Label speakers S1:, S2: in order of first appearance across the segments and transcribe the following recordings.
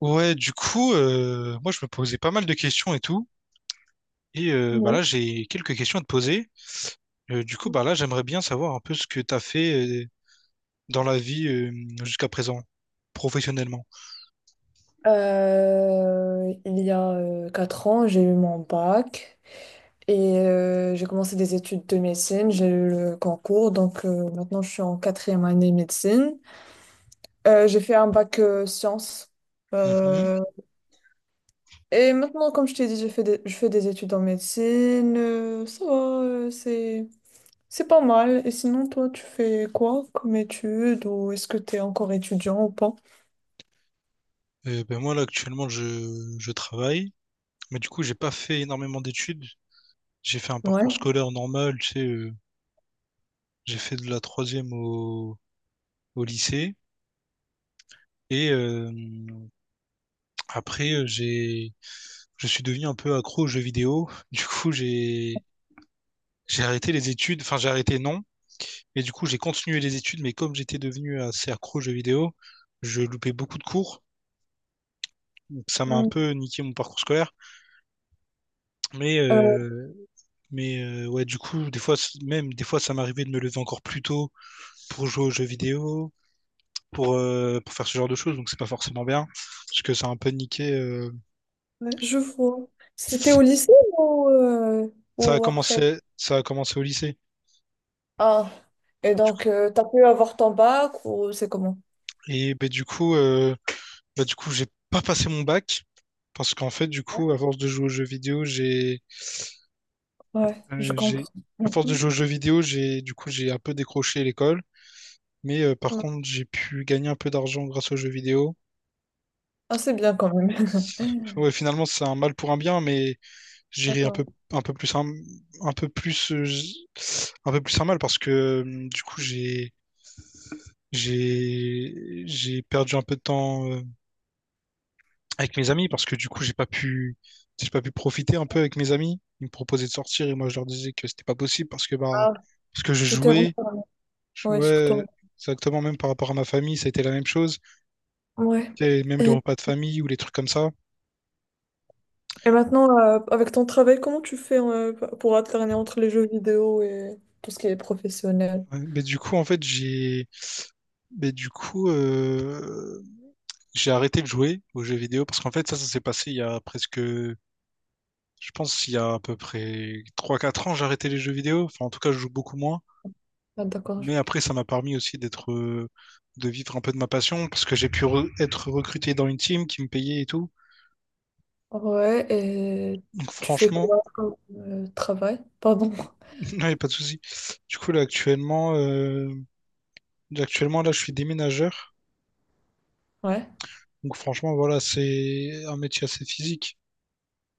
S1: Ouais, du coup, moi je me posais pas mal de questions et tout. Bah
S2: Oui.
S1: là, j'ai quelques questions à te poser. Du coup, bah là, j'aimerais bien savoir un peu ce que t'as fait dans la vie jusqu'à présent, professionnellement.
S2: Il y a 4 ans, j'ai eu mon bac et j'ai commencé des études de médecine. J'ai eu le concours, donc maintenant je suis en quatrième année médecine. J'ai fait un bac sciences.
S1: Mhm.
S2: Euh, et maintenant, comme je t'ai dit, je fais des études en médecine. Ça va, c'est pas mal. Et sinon, toi, tu fais quoi comme études ou est-ce que tu es encore étudiant ou pas?
S1: Ben moi là, actuellement, je travaille, mais du coup, j'ai pas fait énormément d'études. J'ai fait un parcours
S2: Ouais.
S1: scolaire normal, tu sais, j'ai fait de la troisième au lycée. Et euh, après, je suis devenu un peu accro aux jeux vidéo. J'ai arrêté les études, enfin j'ai arrêté non, mais du coup j'ai continué les études, mais comme j'étais devenu assez accro aux jeux vidéo, je loupais beaucoup de cours, donc ça m'a un
S2: Mm.
S1: peu niqué mon parcours scolaire. Mais, euh, ouais, du coup, des fois, même des fois, ça m'arrivait de me lever encore plus tôt pour jouer aux jeux vidéo, pour faire ce genre de choses, donc c'est pas forcément bien, parce que ça a un peu niqué.
S2: Ouais, je vois. C'était au lycée ou, euh, ou après?
S1: Ça a commencé au lycée.
S2: Ah, et donc, t'as pu avoir ton bac ou c'est comment?
S1: Et ben, du coup, euh, Bah, du coup, j'ai pas passé mon bac parce qu'en fait, du coup, à force de jouer aux jeux vidéo,
S2: Ouais, je comprends.
S1: j'ai à force de jouer aux jeux vidéo, j'ai un peu décroché l'école, mais par
S2: Ouais.
S1: contre, j'ai pu gagner un peu d'argent grâce aux jeux vidéo.
S2: Ah, c'est bien quand même.
S1: Ouais, finalement, c'est un mal pour un bien, mais j'irai
S2: D'accord.
S1: un peu plus un, un peu plus j- un peu plus un mal parce que du coup, j'ai perdu un peu de temps avec mes amis parce que du coup, j'ai pas pu profiter un peu avec mes amis. Ils me proposaient de sortir et moi, je leur disais que c'était pas possible parce que, bah,
S2: Ah,
S1: parce que
S2: tu t'es renseigné.
S1: je
S2: Ouais, sur
S1: jouais
S2: toi.
S1: exactement. Même par rapport à ma famille, ça a été la même chose.
S2: Ouais.
S1: Tu sais, même les
S2: Et,
S1: repas de famille ou les trucs comme ça.
S2: et maintenant, avec ton travail, comment tu fais pour alterner entre les jeux vidéo et tout ce qui est professionnel?
S1: Ouais, Mais du coup, en fait, j'ai, mais du coup, J'ai arrêté de jouer aux jeux vidéo parce qu'en fait, ça s'est passé il y a presque, je pense, il y a à peu près trois quatre ans, j'ai arrêté les jeux vidéo. Enfin, en tout cas, je joue beaucoup moins.
S2: Ah, d'accord.
S1: Mais après, ça m'a permis aussi de vivre un peu de ma passion parce que j'ai pu être recruté dans une team qui me payait et tout.
S2: Ouais, et
S1: Donc
S2: tu fais
S1: franchement,
S2: quoi comme travail? Pardon.
S1: il n'y a pas de souci. Du coup, là, actuellement, euh, Actuellement, là, je suis déménageur.
S2: Ouais.
S1: Donc franchement, voilà, c'est un métier assez physique.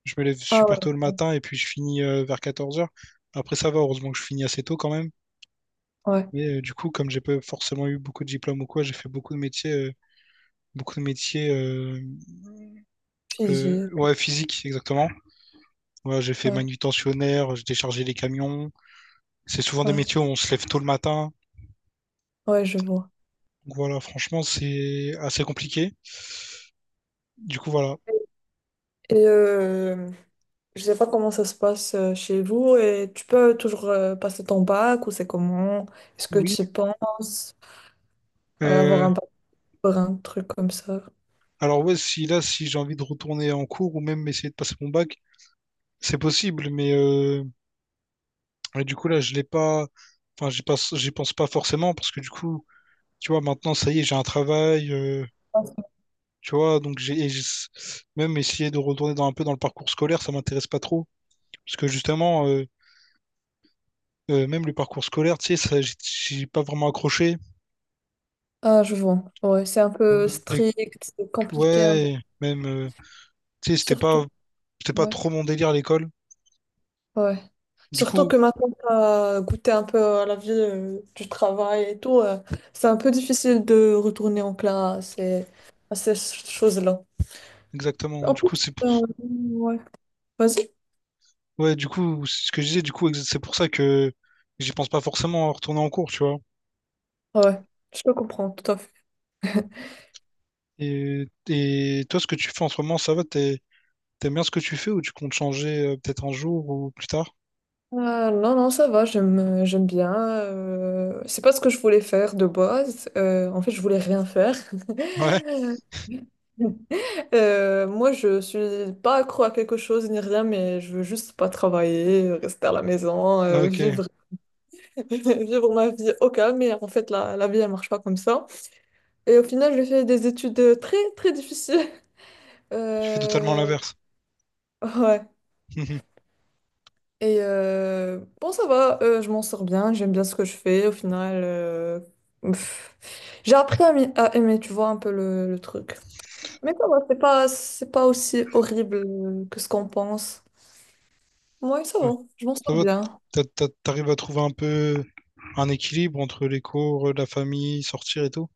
S1: Je me lève
S2: Ah ouais.
S1: super tôt le matin et puis je finis vers 14 heures. Après, ça va, heureusement que je finis assez tôt quand même.
S2: Ouais.
S1: Mais du coup, comme j'ai pas forcément eu beaucoup de diplômes ou quoi, j'ai fait beaucoup de métiers, beaucoup de métiers, euh,
S2: Figé.
S1: ouais, physiques, exactement. Ouais, j'ai fait
S2: Ouais,
S1: manutentionnaire, j'ai déchargé les camions. C'est souvent des
S2: ouais,
S1: métiers où on se lève tôt le matin.
S2: ouais, je vois.
S1: Donc voilà, franchement, c'est assez compliqué. Du coup, voilà.
S2: Et euh, je sais pas comment ça se passe chez vous et tu peux toujours passer ton bac ou c'est comment? Est-ce que
S1: Oui.
S2: tu y penses avoir
S1: Euh,
S2: un bac pour un truc comme ça?
S1: alors ouais, si j'ai envie de retourner en cours ou même essayer de passer mon bac, c'est possible, mais ouais, du coup là, je l'ai pas. Enfin, j'y pense pas forcément parce que du coup, tu vois, maintenant, ça y est, j'ai un travail. Tu vois, donc même essayé de retourner dans un peu dans le parcours scolaire, ça m'intéresse pas trop. Parce que justement, euh, Même le parcours scolaire, tu sais, ça, j'ai pas vraiment accroché.
S2: Ah, je vois. Ouais, c'est un peu
S1: Voilà.
S2: strict, c'est compliqué, un peu.
S1: Ouais, tu sais,
S2: Surtout,
S1: c'était pas
S2: ouais,
S1: trop mon délire à l'école.
S2: ouais.
S1: Du
S2: Surtout
S1: coup,
S2: que maintenant, tu as goûté un peu à la vie du travail et tout. C'est un peu difficile de retourner en classe et à ces choses-là.
S1: exactement.
S2: En plus, ouais. Vas-y.
S1: Ouais, du coup, c'est ce que je disais, du coup, c'est pour ça que j'y pense pas forcément à retourner en cours, tu vois.
S2: Ouais, je te comprends, tout à fait.
S1: Et toi, ce que tu fais en ce moment, ça va, t'aimes bien ce que tu fais ou tu comptes changer peut-être un jour ou plus tard?
S2: Non, non, ça va, j'aime bien. C'est pas ce que je voulais faire de base. En fait, je voulais rien faire.
S1: Ouais,
S2: Moi, je suis pas accro à quelque chose ni rien, mais je veux juste pas travailler, rester à la maison,
S1: ah, ok.
S2: vivre, vivre ma vie au calme. Mais en fait, la vie, elle marche pas comme ça. Et au final, j'ai fait des études très, très difficiles.
S1: Tu fais totalement
S2: Euh,
S1: l'inverse.
S2: ouais. Bon, ça va, je m'en sors bien, j'aime bien ce que je fais. Au final, pff, j'ai appris à aimer, tu vois, un peu le truc. Mais ça va, c'est pas aussi horrible que ce qu'on pense. Ouais, ça va, je m'en
S1: Ça
S2: sors
S1: va,
S2: bien.
S1: t'arrives à trouver un peu un équilibre entre les cours, la famille, sortir et tout?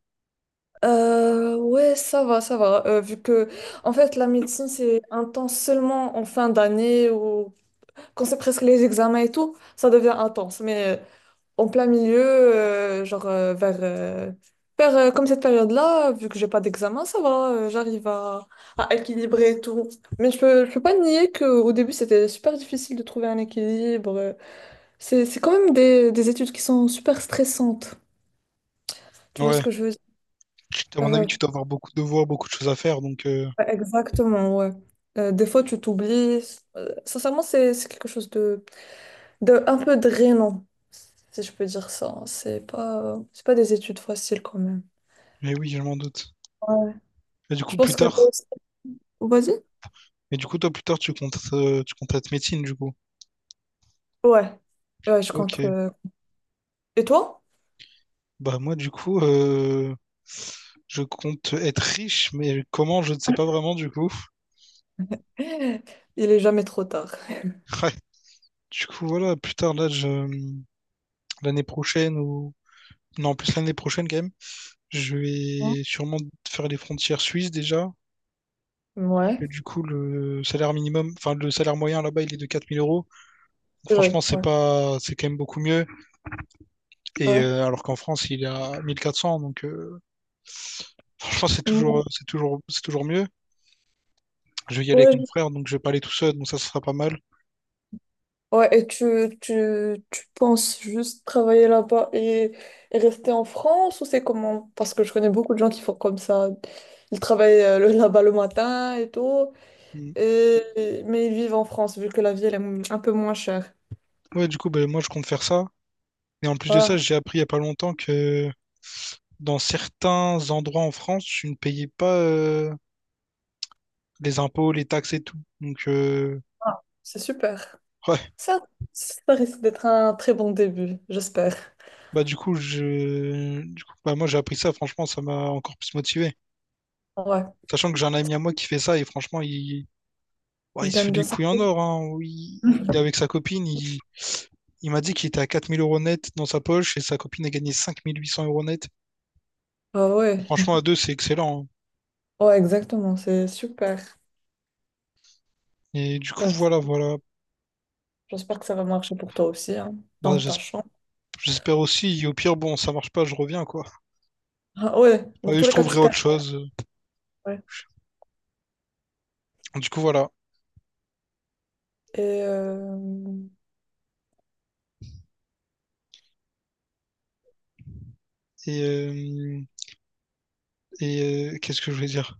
S2: Ouais, ça va, ça va. Vu que, en fait, la médecine, c'est intense seulement en fin d'année ou quand c'est presque les examens et tout, ça devient intense. Mais en plein milieu, genre vers comme cette période-là, vu que j'ai pas d'examen, ça va, j'arrive à équilibrer et tout. Mais je peux pas nier qu'au début, c'était super difficile de trouver un équilibre. C'est quand même des études qui sont super stressantes. Tu vois
S1: Ouais.
S2: ce que je veux dire?
S1: À mon avis,
S2: Euh,
S1: tu dois avoir beaucoup de devoirs, beaucoup de choses à faire, donc
S2: ouais, exactement, ouais. Des fois, tu t'oublies. Sincèrement, c'est quelque chose de un peu drainant, si je peux dire ça. C'est pas des études faciles quand même.
S1: mais oui, je m'en doute.
S2: Ouais.
S1: Et du
S2: Je
S1: coup, plus
S2: pense que toi.
S1: tard,
S2: Vas-y.
S1: et du coup, toi, plus tard, tu comptes être médecine, du coup.
S2: Ouais, ouais, je compte.
S1: Ok.
S2: Et toi?
S1: Bah moi du coup je compte être riche mais comment je ne sais pas vraiment du coup.
S2: Il est jamais trop tard.
S1: Ouais, du coup voilà plus tard là je l'année prochaine ou non plus l'année prochaine quand même je
S2: Hein.
S1: vais sûrement faire les frontières suisses déjà parce que
S2: Ouais,
S1: du coup le salaire moyen là-bas il est de 4 000 euros. Donc,
S2: c'est vrai,
S1: franchement c'est
S2: ouais,
S1: pas c'est quand même beaucoup mieux, et
S2: ouais.
S1: alors qu'en France il est à mille quatre cents, donc franchement
S2: Mm.
S1: c'est toujours mieux. Je vais y aller avec
S2: Ouais,
S1: mon frère donc je vais pas aller tout seul donc ça ce sera pas mal.
S2: ouais, et tu penses juste travailler là-bas et rester en France ou c'est comment? Parce que je connais beaucoup de gens qui font comme ça. Ils travaillent là-bas le matin et tout, mais ils vivent en France vu que la vie elle est un peu moins chère.
S1: Ouais, du coup, ben, moi, je compte faire ça. Et en plus de
S2: Ouais,
S1: ça, j'ai appris il y a pas longtemps que dans certains endroits en France, tu ne payais pas les impôts, les taxes et tout. Donc,
S2: c'est super.
S1: ouais,
S2: Ça, ça risque d'être un très bon début, j'espère.
S1: bah du coup, je... du coup bah, moi, j'ai appris ça. Franchement, ça m'a encore plus motivé.
S2: Ouais.
S1: Sachant que j'ai un ami à moi qui fait ça et franchement, ouais,
S2: Il
S1: il se fait
S2: gagne bien
S1: les
S2: sa
S1: couilles en
S2: peau.
S1: or. Hein. Il est avec sa copine. Il m'a dit qu'il était à 4 000 euros net dans sa poche et sa copine a gagné 5 800 euros net.
S2: Ah ouais,
S1: Franchement, à deux, c'est excellent. Hein.
S2: ouais, exactement, c'est super.
S1: Et du coup,
S2: Bah,
S1: voilà, voilà.
S2: j'espère que ça va marcher pour toi aussi, hein,
S1: Bah,
S2: dans
S1: je-
S2: ta chambre.
S1: J'espère aussi. Et au pire, bon, ça marche pas, je reviens, quoi.
S2: Ah ouais, dans
S1: Et
S2: tous
S1: je
S2: les cas,
S1: trouverai
S2: tu
S1: autre
S2: perds.
S1: chose.
S2: Ouais.
S1: Du coup, voilà.
S2: Et euh,
S1: Et, euh, Qu'est-ce que je voulais dire?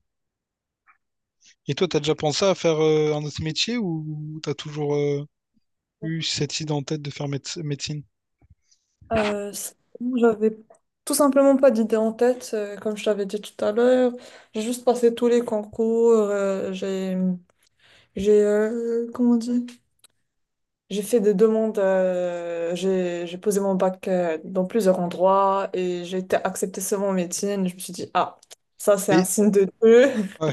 S1: Et toi, t'as déjà pensé à faire un autre métier ou t'as toujours eu cette idée en tête de faire médecine?
S2: Sinon, j'avais tout simplement pas d'idée en tête, comme je t'avais dit tout à l'heure. J'ai juste passé tous les concours, comment on dit? J'ai fait des demandes, j'ai posé mon bac dans plusieurs endroits et j'ai été acceptée seulement en médecine. Je me suis dit, ah, ça c'est un
S1: Et,
S2: signe de Dieu.
S1: ouais.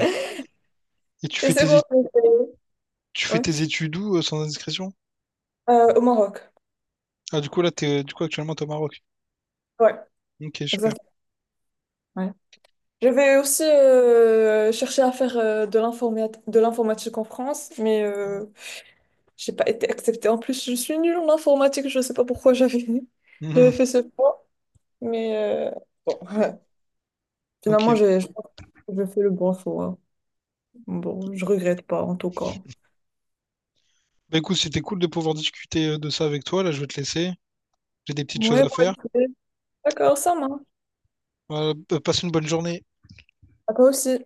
S1: Et tu
S2: Et
S1: fais
S2: c'est
S1: tes, é-
S2: bon, je l'ai fait.
S1: Tu fais
S2: Ouais.
S1: tes études où, sans indiscrétion?
S2: Au Maroc.
S1: Ah, du coup, actuellement, t'es au Maroc.
S2: Ouais,
S1: Ok, super.
S2: exactement. Ouais. Je vais aussi chercher à faire de l'informatique en France, mais
S1: Mhm.
S2: j'ai pas été acceptée. En plus, je suis nulle en informatique, je sais pas pourquoi j'avais j'avais fait ce choix, mais bon, finalement,
S1: Ok.
S2: j'ai je pense que j'ai fait le bon choix. Bon, je regrette pas en tout cas.
S1: Bah écoute, c'était cool de pouvoir discuter de ça avec toi. Là, je vais te laisser. J'ai des petites choses
S2: Ouais,
S1: à
S2: moi
S1: faire.
S2: aussi. D'accord, ça marche.
S1: Voilà, passe une bonne journée.
S2: À toi aussi.